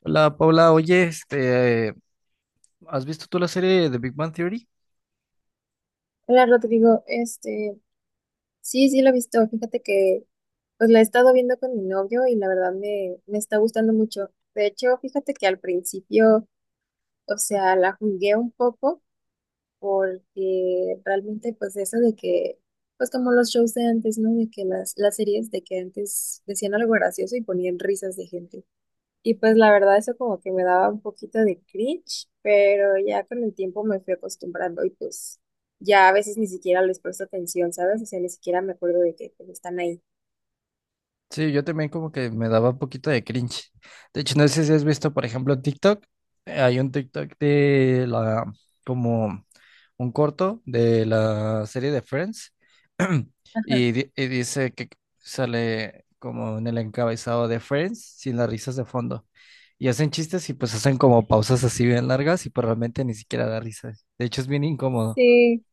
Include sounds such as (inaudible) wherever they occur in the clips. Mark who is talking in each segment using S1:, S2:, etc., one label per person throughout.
S1: Hola Paula, oye, ¿has visto tú la serie de Big Bang Theory?
S2: Hola Rodrigo, este, sí, sí lo he visto, fíjate que pues la he estado viendo con mi novio y la verdad me está gustando mucho. De hecho, fíjate que al principio, o sea, la jugué un poco porque realmente pues eso de que, pues como los shows de antes, ¿no? De que las series de que antes decían algo gracioso y ponían risas de gente. Y pues la verdad eso como que me daba un poquito de cringe, pero ya con el tiempo me fui acostumbrando y pues ya a veces ni siquiera les presto atención, ¿sabes? O sea, ni siquiera me acuerdo de que pues, están ahí.
S1: Sí, yo también como que me daba un poquito de cringe. De hecho, no sé si has visto, por ejemplo, en TikTok, hay un TikTok de la, como un corto de la serie de Friends (clears throat)
S2: Ajá.
S1: y dice que sale como en el encabezado de Friends sin las risas de fondo. Y hacen chistes y pues hacen como pausas así bien largas y pues realmente ni siquiera da risa. De hecho, es bien incómodo.
S2: Sí,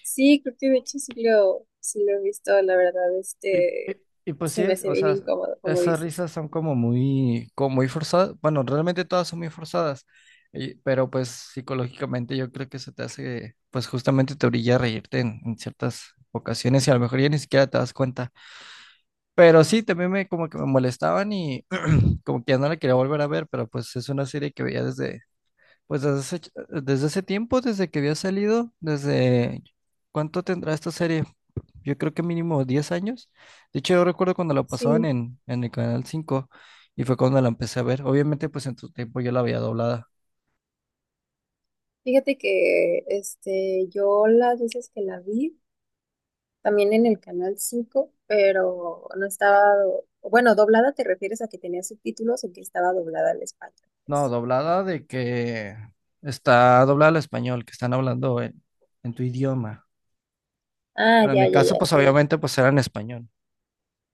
S2: sí, creo que de hecho sí lo he visto, la verdad,
S1: Y, y-
S2: este,
S1: y pues sí,
S2: se me
S1: es,
S2: hace
S1: o
S2: bien
S1: sea,
S2: incómodo, como
S1: esas
S2: dices.
S1: risas son como muy forzadas. Bueno, realmente todas son muy forzadas, pero pues psicológicamente yo creo que eso te hace, pues justamente te orilla a reírte en ciertas ocasiones y a lo mejor ya ni siquiera te das cuenta. Pero sí, también me como que me molestaban y (clears throat) como que ya no la quería volver a ver, pero pues es una serie que veía desde, pues desde hace, desde hace tiempo, desde que había salido, desde, ¿cuánto tendrá esta serie? Yo creo que mínimo 10 años. De hecho, yo recuerdo cuando la pasaban
S2: Sí,
S1: en el Canal 5 y fue cuando la empecé a ver. Obviamente, pues en tu tiempo yo la veía doblada.
S2: fíjate que, este, yo las veces que la vi, también en el canal 5 pero no estaba, bueno, doblada te refieres a que tenía subtítulos o que estaba doblada al español.
S1: No,
S2: ¿Pues?
S1: doblada de que está doblada al español, que están hablando en tu idioma.
S2: Ah,
S1: Bueno, en
S2: ya,
S1: mi
S2: ya,
S1: caso,
S2: ya, es
S1: pues
S2: que
S1: obviamente, pues era en español.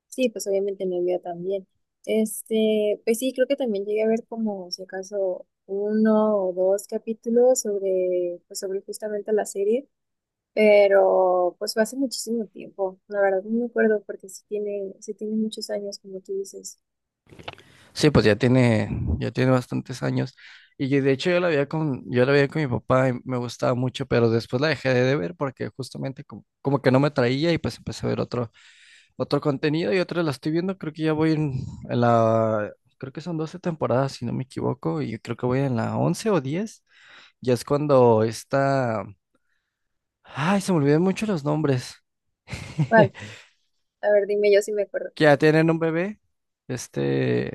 S2: sí, pues obviamente no había también. Este, pues sí, creo que también llegué a ver como si acaso uno o dos capítulos sobre, pues sobre justamente la serie, pero pues fue hace muchísimo tiempo, la verdad no me acuerdo porque sí tiene muchos años, como tú dices.
S1: Sí, pues ya tiene bastantes años. De hecho yo la veía con, yo la veía con mi papá y me gustaba mucho, pero después la dejé de ver porque justamente como, como que no me traía y pues empecé a ver otro, otro contenido y otra la estoy viendo. Creo que ya voy en la, creo que son 12 temporadas, si no me equivoco, y creo que voy en la 11 o 10. Ya es cuando está, ay, se me olvidan mucho los nombres.
S2: ¿Cuál?
S1: (laughs)
S2: A ver, dime yo si me acuerdo
S1: Que ya tienen un bebé, este,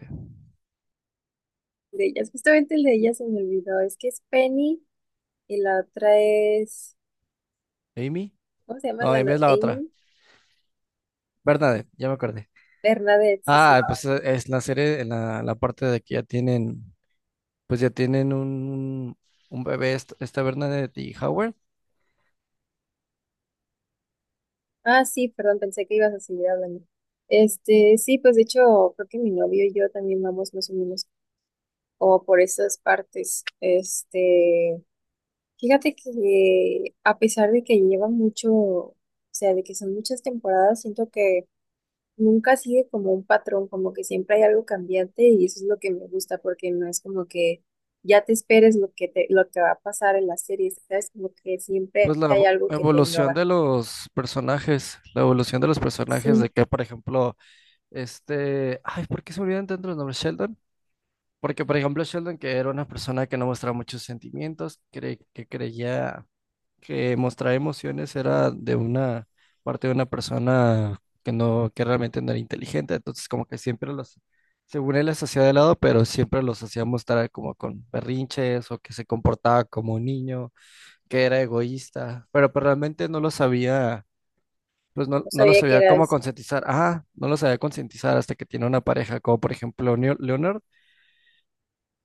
S2: de ellas. Justamente el de ellas se me olvidó. Es que es Penny y la otra es.
S1: Amy.
S2: ¿Cómo se llama
S1: No,
S2: la
S1: Amy es la otra.
S2: Amy?
S1: Bernadette, ya me acordé.
S2: Bernadette, sí, sí.
S1: Ah, pues es la serie, en la, la parte de que ya tienen, pues ya tienen un bebé, esta Bernadette y Howard.
S2: Ah, sí, perdón, pensé que ibas a seguir hablando. Este, sí, pues de hecho, creo que mi novio y yo también vamos más o menos como por esas partes. Este, fíjate que a pesar de que lleva mucho, o sea, de que son muchas temporadas, siento que nunca sigue como un patrón, como que siempre hay algo cambiante y eso es lo que me gusta porque no es como que ya te esperes lo que va a pasar en la serie, ¿sabes? Como que
S1: Pues
S2: siempre
S1: la
S2: hay algo que te
S1: evolución
S2: innova.
S1: de los personajes, la evolución de los personajes de
S2: Sí,
S1: que, por ejemplo, ay, ¿por qué se me olvidan tanto los nombres? Sheldon, porque por ejemplo Sheldon, que era una persona que no mostraba muchos sentimientos, que creía que mostrar emociones era de una parte de una persona que no, que realmente no era inteligente, entonces como que siempre los, según él las hacía de lado, pero siempre los hacía mostrar como con berrinches o que se comportaba como un niño que era egoísta, pero, pues, realmente no lo sabía, pues no,
S2: no
S1: no lo
S2: sabía que
S1: sabía
S2: era
S1: cómo
S2: eso.
S1: concientizar. Ah, no lo sabía concientizar hasta que tiene una pareja, como por ejemplo Leonard,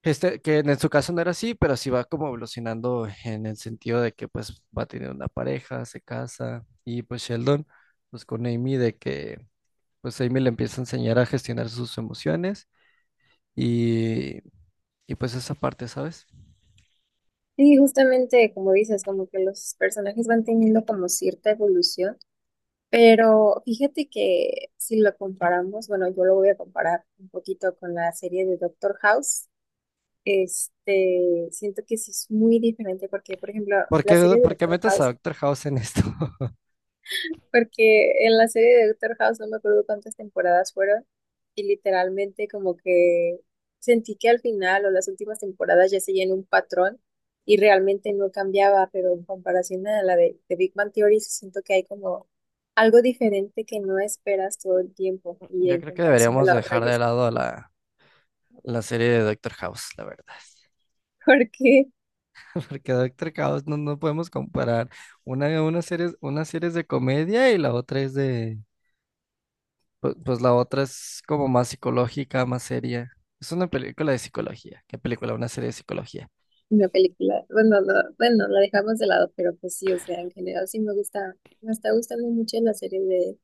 S1: que en su caso no era así, pero sí va como evolucionando en el sentido de que pues va a tener una pareja, se casa, y pues Sheldon, pues con Amy, de que pues Amy le empieza a enseñar a gestionar sus emociones y, y pues esa parte, ¿sabes?
S2: Sí, justamente como dices, como que los personajes van teniendo como cierta evolución, pero fíjate que si lo comparamos, bueno, yo lo voy a comparar un poquito con la serie de Doctor House. Este, siento que sí es muy diferente porque, por ejemplo, la serie de
S1: Por qué
S2: Doctor
S1: metes a
S2: House,
S1: Doctor House en esto? (laughs)
S2: porque en la serie de Doctor House no me acuerdo cuántas temporadas fueron y literalmente como que sentí que al final o las últimas temporadas ya seguían un patrón y realmente no cambiaba, pero en comparación a la de Big Bang Theory, sí siento que hay como algo diferente que no esperas todo el tiempo y
S1: Yo
S2: en
S1: creo que
S2: comparación de
S1: deberíamos
S2: la otra,
S1: dejar
S2: yo,
S1: de lado a la, la serie de Doctor House, la verdad.
S2: (laughs) porque
S1: (laughs) Porque Doctor House no, no podemos comparar. Una serie, una serie es de comedia y la otra es de... pues, la otra es como más psicológica, más seria. Es una película de psicología. ¿Qué película? Una serie de psicología.
S2: una película. Bueno, no, bueno, la dejamos de lado, pero pues sí, o sea, en general sí me gusta, me está gustando mucho la serie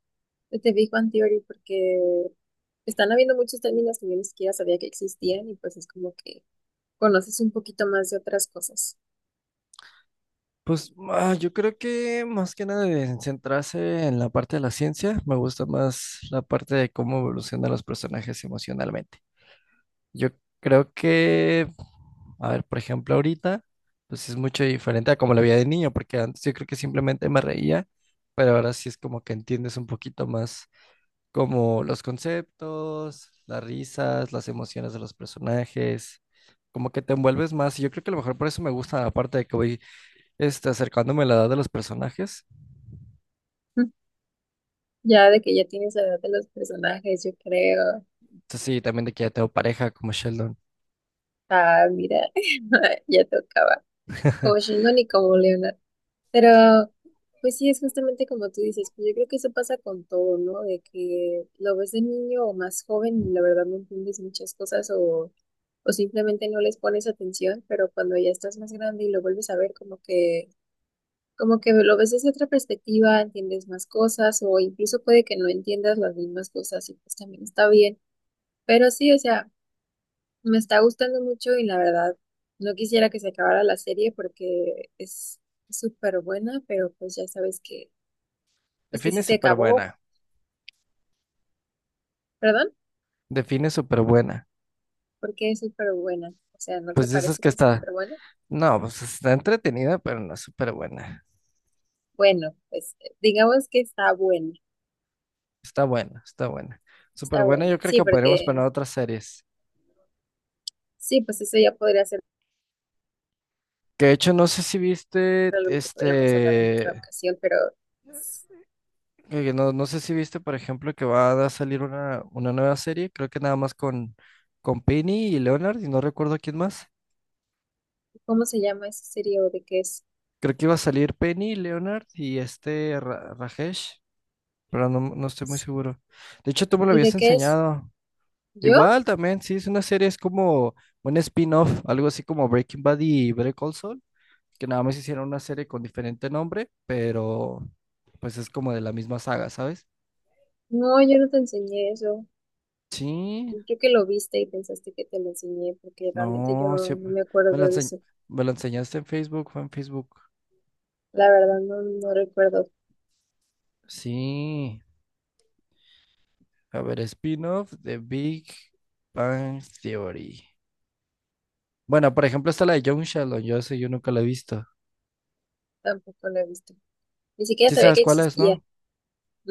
S2: de The Big Bang Theory porque están habiendo muchos términos que yo ni siquiera sabía que existían y pues es como que conoces un poquito más de otras cosas.
S1: Pues ah, yo creo que más que nada de centrarse en la parte de la ciencia, me gusta más la parte de cómo evolucionan los personajes emocionalmente. Yo creo que, a ver, por ejemplo, ahorita, pues es mucho diferente a como lo veía de niño, porque antes yo creo que simplemente me reía, pero ahora sí es como que entiendes un poquito más como los conceptos, las risas, las emociones de los personajes, como que te envuelves más. Y yo creo que a lo mejor por eso me gusta, aparte de que voy acercándome a la edad de los personajes.
S2: (laughs) Ya de que ya tienes la edad de los personajes, yo creo.
S1: Entonces, sí, también de que ya tengo pareja como Sheldon.
S2: Ah, mira, (laughs) ya tocaba. Como
S1: (laughs)
S2: Sheldon y como Leonard. Pero, pues sí, es justamente como tú dices, pues yo creo que eso pasa con todo, ¿no? De que lo ves de niño o más joven y la verdad no entiendes muchas cosas o simplemente no les pones atención, pero cuando ya estás más grande y lo vuelves a ver, como que lo ves desde otra perspectiva, entiendes más cosas o incluso puede que no entiendas las mismas cosas y pues también está bien. Pero sí, o sea, me está gustando mucho y la verdad no quisiera que se acabara la serie porque es súper buena, pero pues ya sabes que pues que
S1: Define
S2: sí se
S1: súper
S2: acabó,
S1: buena.
S2: perdón,
S1: Define súper buena.
S2: porque es súper buena. O sea, ¿no te
S1: Pues de esas
S2: parece
S1: que
S2: que es
S1: está.
S2: súper buena?
S1: No, pues está entretenida, pero no es súper buena.
S2: Bueno, pues digamos que está buena,
S1: Está buena, está buena. Súper
S2: está
S1: buena,
S2: buena.
S1: yo creo
S2: Sí,
S1: que podríamos
S2: porque
S1: poner otras series.
S2: sí, pues eso ya podría ser
S1: Que de hecho, no sé si viste,
S2: algo que podríamos hablar en otra ocasión, pero s-
S1: que no, no sé si viste, por ejemplo, que va a salir una nueva serie, creo que nada más con Penny y Leonard, y no recuerdo quién más.
S2: ¿cómo se llama esa serie o de qué es?
S1: Creo que iba a salir Penny, Leonard y este Rajesh, pero no, no estoy muy
S2: S-
S1: seguro. De hecho, tú me lo
S2: ¿Y de
S1: habías
S2: qué es?
S1: enseñado.
S2: ¿Yo?
S1: Igual también, sí, es una serie, es como un spin-off, algo así como Breaking Bad y Better Call Saul, que nada más hicieron una serie con diferente nombre, pero pues es como de la misma saga, ¿sabes?
S2: No, yo no te enseñé eso.
S1: Sí,
S2: Yo creo que lo viste y pensaste que te lo enseñé, porque realmente yo
S1: no, sí,
S2: no me acuerdo
S1: me la
S2: de
S1: enseñ-
S2: eso.
S1: me la enseñaste en Facebook, fue en Facebook.
S2: La verdad, no, no recuerdo,
S1: Sí, a ver, spin-off de Big Bang Theory. Bueno, por ejemplo, está la de Young Sheldon, yo sé, yo nunca la he visto.
S2: tampoco lo he visto. Ni siquiera
S1: Sí
S2: sabía
S1: sabes
S2: que
S1: cuál es,
S2: existía.
S1: ¿no?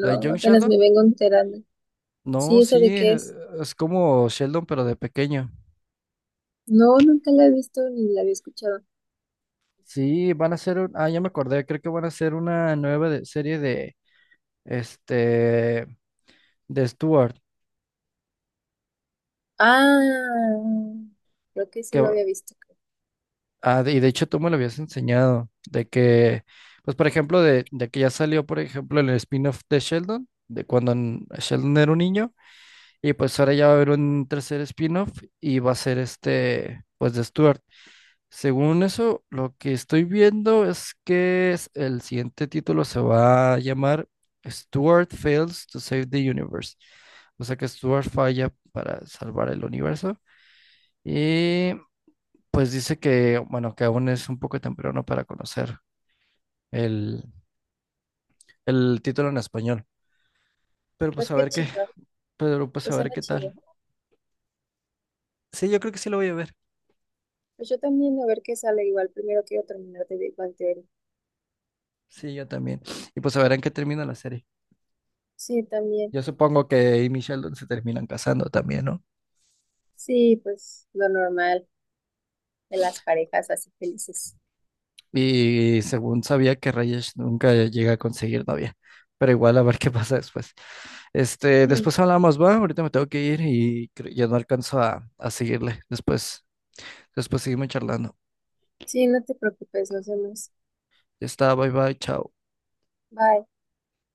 S1: La de Young
S2: apenas me
S1: Sheldon.
S2: vengo enterando.
S1: No,
S2: Sí, ¿esa
S1: sí,
S2: de qué es?
S1: es como Sheldon, pero de pequeño.
S2: No, nunca la he visto ni la había escuchado.
S1: Sí, van a hacer un, ah, ya me acordé, creo que van a hacer una nueva serie de, este, de Stuart,
S2: Ah, creo que sí
S1: que,
S2: lo había visto. Creo.
S1: ah, y de hecho tú me lo habías enseñado, de que, pues por ejemplo, de que ya salió, por ejemplo, el spin-off de Sheldon, de cuando Sheldon era un niño, y pues ahora ya va a haber un tercer spin-off y va a ser pues de Stuart. Según eso, lo que estoy viendo es que el siguiente título se va a llamar Stuart Fails to Save the Universe. O sea que Stuart falla para salvar el universo. Y pues dice que, bueno, que aún es un poco temprano para conocer el, el título en español. Pero pues
S2: Pues
S1: a
S2: qué
S1: ver qué,
S2: chido,
S1: pero pues a
S2: pues
S1: ver
S2: suena
S1: qué tal.
S2: chido.
S1: Sí, yo creo que sí lo voy a ver.
S2: Pues yo también, a ver qué sale igual. Primero quiero terminar de Big Bang Theory.
S1: Sí, yo también. Y pues a ver en qué termina la serie.
S2: Sí, también.
S1: Yo supongo que Amy y Sheldon se terminan casando también, ¿no?
S2: Sí, pues lo normal de las parejas así felices.
S1: Y según sabía que Rayesh nunca llega a conseguir novia. Pero igual a ver qué (laughs) pasa después. Este,
S2: Sí,
S1: después hablamos, va, ahorita me tengo que ir y ya no alcanzo a seguirle. Después, después seguimos charlando.
S2: sí, no te preocupes, nos vemos.
S1: Ya está, bye bye, chao.
S2: Bye.